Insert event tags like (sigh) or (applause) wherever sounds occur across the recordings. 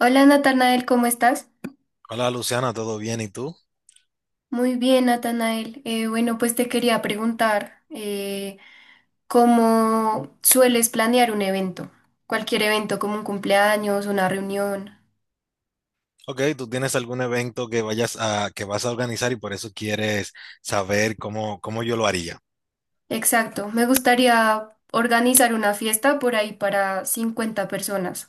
Hola Natanael, ¿cómo estás? Hola Luciana, ¿todo bien? ¿Y tú? Muy bien, Natanael. Bueno, pues te quería preguntar, ¿cómo sueles planear un evento? Cualquier evento, como un cumpleaños, una reunión. Ok, ¿tú tienes algún evento que vayas a que vas a organizar y por eso quieres saber cómo yo lo haría? Exacto, me gustaría organizar una fiesta por ahí para 50 personas.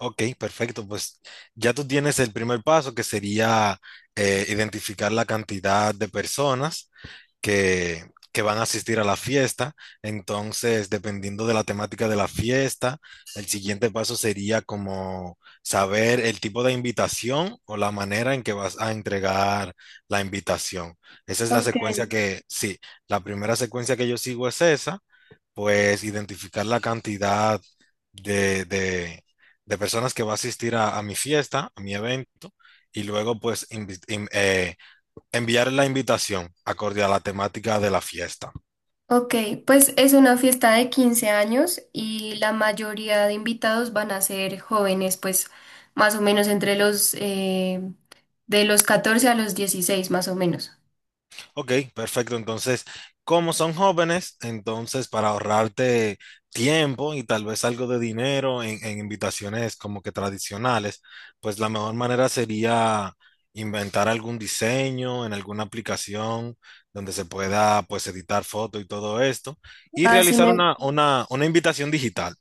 Ok, perfecto. Pues ya tú tienes el primer paso que sería identificar la cantidad de personas que, que van a asistir a la fiesta. Entonces, dependiendo de la temática de la fiesta, el siguiente paso sería como saber el tipo de invitación o la manera en que vas a entregar la invitación. Esa es la Ok. secuencia sí, la primera secuencia que yo sigo es esa, pues identificar la cantidad de, de- de personas que va a asistir a mi fiesta, a mi evento, y luego pues enviar la invitación acorde a la temática de la fiesta. Ok, pues es una fiesta de 15 años y la mayoría de invitados van a ser jóvenes, pues más o menos entre los de los 14 a los 16 más o menos. Ok, perfecto. Entonces, como son jóvenes, entonces para ahorrarte tiempo y tal vez algo de dinero en invitaciones como que tradicionales, pues la mejor manera sería inventar algún diseño en alguna aplicación donde se pueda pues editar fotos y todo esto y Ah, sí, realizar me, una invitación digital.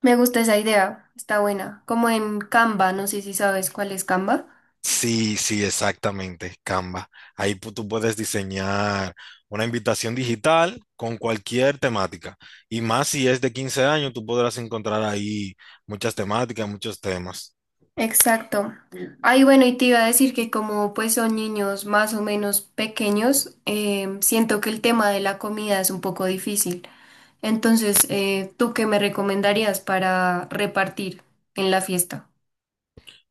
me gusta esa idea, está buena. Como en Canva, no sé si sabes cuál es Canva. Sí, sí, exactamente, Canva. Tú puedes diseñar una invitación digital con cualquier temática. Y más si es de 15 años, tú podrás encontrar ahí muchas temáticas, muchos temas. Exacto. Ay, bueno, y te iba a decir que como pues son niños más o menos pequeños, siento que el tema de la comida es un poco difícil. Entonces, ¿tú qué me recomendarías para repartir en la fiesta?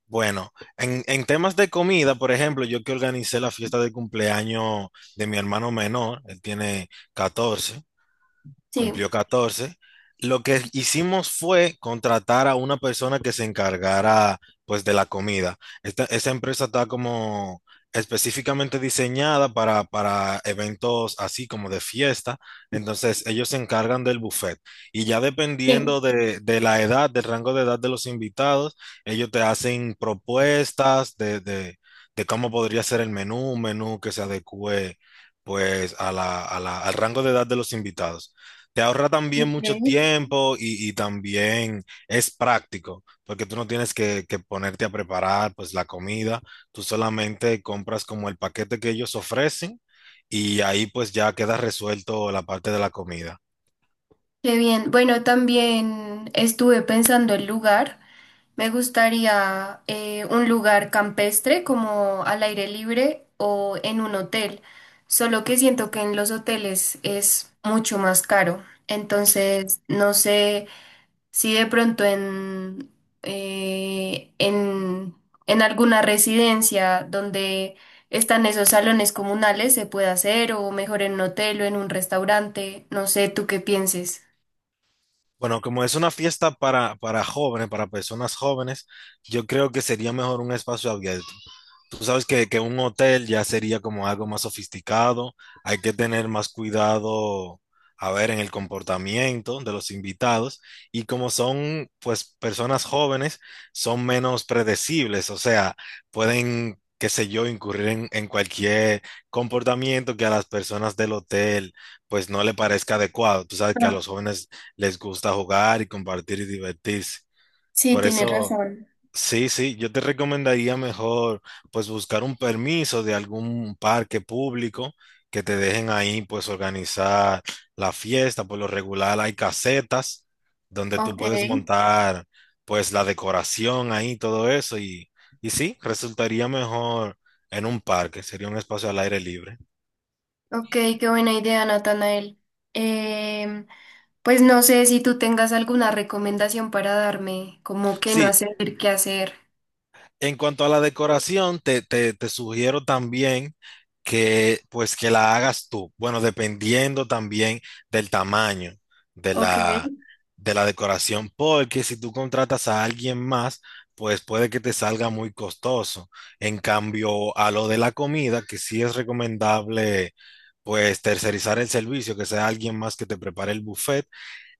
Bueno, en temas de comida, por ejemplo, yo que organicé la fiesta de cumpleaños de mi hermano menor, él tiene 14. Sí. Cumplió 14. Lo que hicimos fue contratar a una persona que se encargara pues de la comida. Esa empresa está como específicamente diseñada para eventos así como de fiesta. Entonces ellos se encargan del buffet y ya Bien. dependiendo de la edad, del rango de edad de los invitados, ellos te hacen propuestas de cómo podría ser el menú, un menú que se adecue pues a la al rango de edad de los invitados. Te ahorra también mucho Ok. tiempo y también es práctico, porque tú no tienes que ponerte a preparar pues la comida. Tú solamente compras como el paquete que ellos ofrecen y ahí pues ya queda resuelto la parte de la comida. Qué bien. Bueno, también estuve pensando el lugar. Me gustaría un lugar campestre como al aire libre o en un hotel, solo que siento que en los hoteles es mucho más caro. Entonces, no sé si de pronto eh, en, en alguna residencia donde están esos salones comunales se puede hacer o mejor en un hotel o en un restaurante. No sé, ¿tú qué pienses? Bueno, como es una fiesta para jóvenes, para personas jóvenes, yo creo que sería mejor un espacio abierto. Tú sabes que un hotel ya sería como algo más sofisticado, hay que tener más cuidado, a ver, en el comportamiento de los invitados y como son pues personas jóvenes, son menos predecibles, o sea, pueden, qué sé yo, incurrir en cualquier comportamiento que a las personas del hotel pues no le parezca adecuado. Tú sabes que a Ah, los jóvenes les gusta jugar y compartir y divertirse. sí, Por tienes eso, razón. sí, sí, yo te recomendaría mejor pues buscar un permiso de algún parque público que te dejen ahí pues organizar la fiesta. Por lo regular hay casetas donde tú Ok. puedes montar pues la decoración ahí, todo eso y sí, resultaría mejor en un parque, sería un espacio al aire libre. Ok, qué buena idea, Natanael. Em, pues no sé si tú tengas alguna recomendación para darme, como qué no Sí, hacer, qué hacer. en cuanto a la decoración, te sugiero también que pues que la hagas tú. Bueno, dependiendo también del tamaño de Ok, la, de la decoración, porque si tú contratas a alguien más, pues puede que te salga muy costoso. En cambio, a lo de la comida, que sí es recomendable pues tercerizar el servicio, que sea alguien más que te prepare el buffet,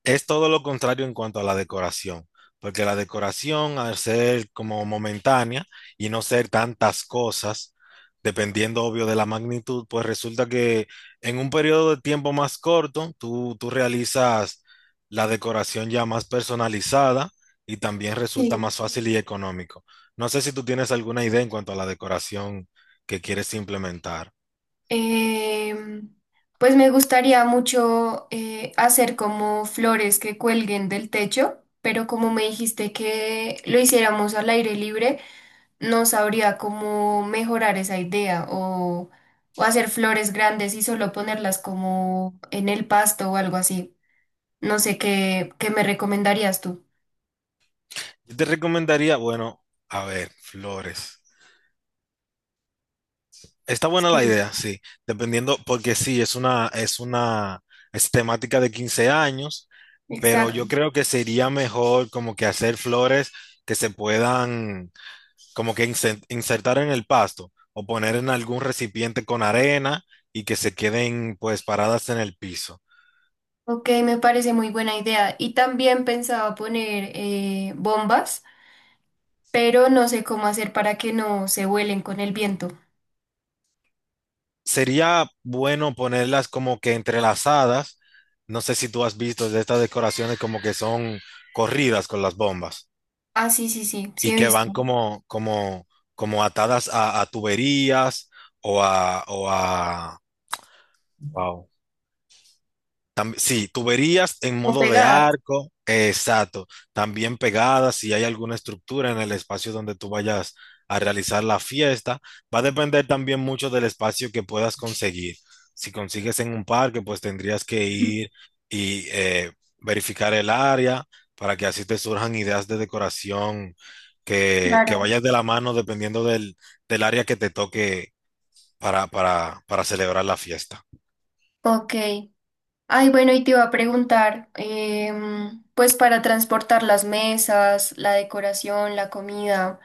es todo lo contrario en cuanto a la decoración, porque la decoración, al ser como momentánea y no ser tantas cosas, dependiendo obvio de la magnitud, pues resulta que en un periodo de tiempo más corto, tú realizas la decoración ya más personalizada y también resulta sí. más fácil y económico. No sé si tú tienes alguna idea en cuanto a la decoración que quieres implementar. Em, pues me gustaría mucho hacer como flores que cuelguen del techo, pero como me dijiste que lo hiciéramos al aire libre, no sabría cómo mejorar esa idea, o hacer flores grandes y solo ponerlas como en el pasto o algo así. No sé qué me recomendarías tú. Yo te recomendaría, bueno, a ver, flores. Está buena la Sí, idea, sí. Dependiendo, porque sí, es temática de 15 años, pero exacto. yo creo que sería mejor como que hacer flores que se puedan como que insertar en el pasto o poner en algún recipiente con arena y que se queden pues paradas en el piso. Ok, me parece muy buena idea. Y también pensaba poner bombas, pero no sé cómo hacer para que no se vuelen con el viento. Sería bueno ponerlas como que entrelazadas. No sé si tú has visto de estas decoraciones como que son corridas con las bombas. Ah, sí, sí, sí, sí Y he que visto. van como atadas a tuberías o a wow. Sí, tuberías en O modo de pegadas. arco, exacto. También pegadas, si hay alguna estructura en el espacio donde tú vayas a realizar la fiesta. Va a depender también mucho del espacio que puedas conseguir. Si consigues en un parque, pues tendrías que ir (laughs) y verificar el área para que así te surjan ideas de decoración que Claro. vayas de la mano dependiendo del área que te toque para celebrar la fiesta. Ok. Ay, bueno, y te iba a preguntar, pues para transportar las mesas, la decoración, la comida.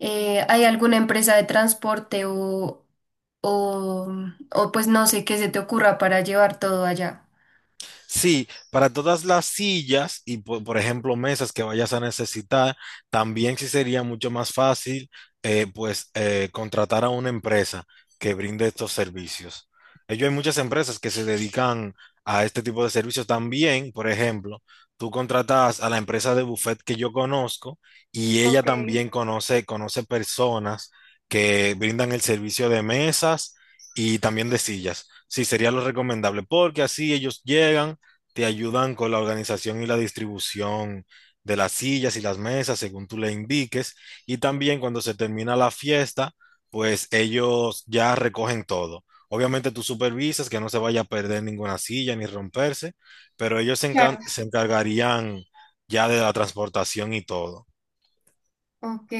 ¿Hay alguna empresa de transporte o, o pues no sé qué se te ocurra para llevar todo allá? Sí, para todas las sillas y por ejemplo mesas que vayas a necesitar, también sí sería mucho más fácil contratar a una empresa que brinde estos servicios. Ellos hay muchas empresas que se dedican a este tipo de servicios también. Por ejemplo, tú contratas a la empresa de buffet que yo conozco y ella Ok, también conoce, conoce personas que brindan el servicio de mesas y también de sillas. Sí, sería lo recomendable porque así ellos llegan, te ayudan con la organización y la distribución de las sillas y las mesas según tú le indiques. Y también cuando se termina la fiesta, pues ellos ya recogen todo. Obviamente tú supervisas que no se vaya a perder ninguna silla ni romperse, pero ellos claro. se encargarían ya de la transportación y todo. Ok.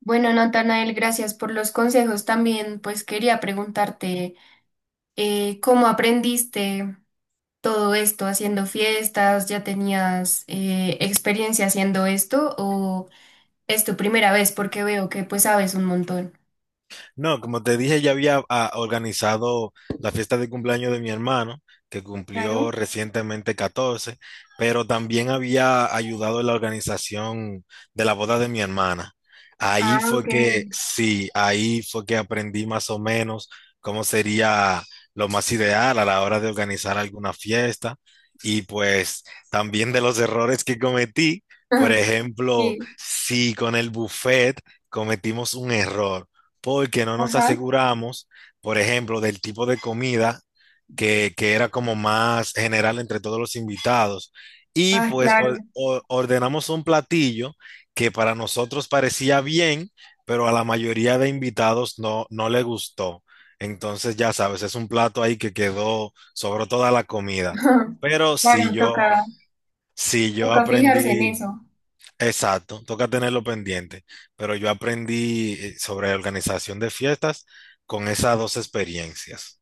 Bueno, Natanael, gracias por los consejos. También pues quería preguntarte ¿cómo aprendiste todo esto haciendo fiestas? ¿Ya tenías experiencia haciendo esto o es tu primera vez? Porque veo que pues sabes un montón. No, como te dije, ya había organizado la fiesta de cumpleaños de mi hermano, que cumplió Claro. recientemente 14, pero también había ayudado en la organización de la boda de mi hermana. Ah, Ahí ok. fue que, sí, ahí fue que aprendí más o menos cómo sería lo más ideal a la hora de organizar alguna fiesta y pues también de los errores que cometí. Por (laughs) ejemplo, Sí. si con el buffet cometimos un error porque no nos Ajá. aseguramos, por ejemplo, del tipo de comida que era como más general entre todos los invitados. Y Ah, pues claro. Ordenamos un platillo que para nosotros parecía bien, pero a la mayoría de invitados no, no le gustó. Entonces, ya sabes, es un plato ahí que quedó, sobró toda la (laughs) comida. Ajá. Pero si Claro, yo, toca, si yo toca fijarse en aprendí. eso. Exacto, toca tenerlo pendiente, pero yo aprendí sobre organización de fiestas con esas dos experiencias.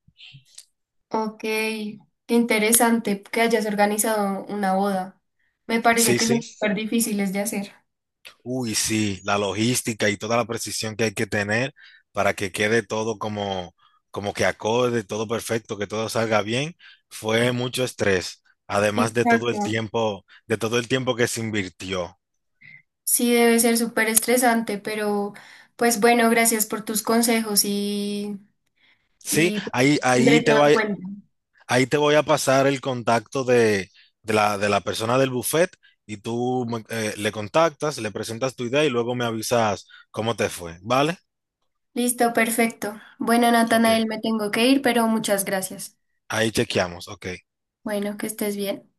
Ok, qué interesante que hayas organizado una boda. Me parece Sí, que sí, son súper difíciles de hacer. uy, sí, la logística y toda la precisión que hay que tener para que quede todo como, como que acorde, todo perfecto, que todo salga bien, fue mucho estrés, además de todo el Exacto. tiempo, de todo el tiempo que se invirtió. Sí, debe ser súper estresante, pero pues bueno, gracias por tus consejos Sí, y pues, ahí, ahí tendré te todo va, en cuenta. ahí te voy a pasar el contacto de la persona del buffet y le contactas, le presentas tu idea y luego me avisas cómo te fue, ¿vale? Listo, perfecto. Bueno, Ok, Natanael, me tengo que ir, pero muchas gracias. ahí chequeamos, ok. Bueno, que estés bien.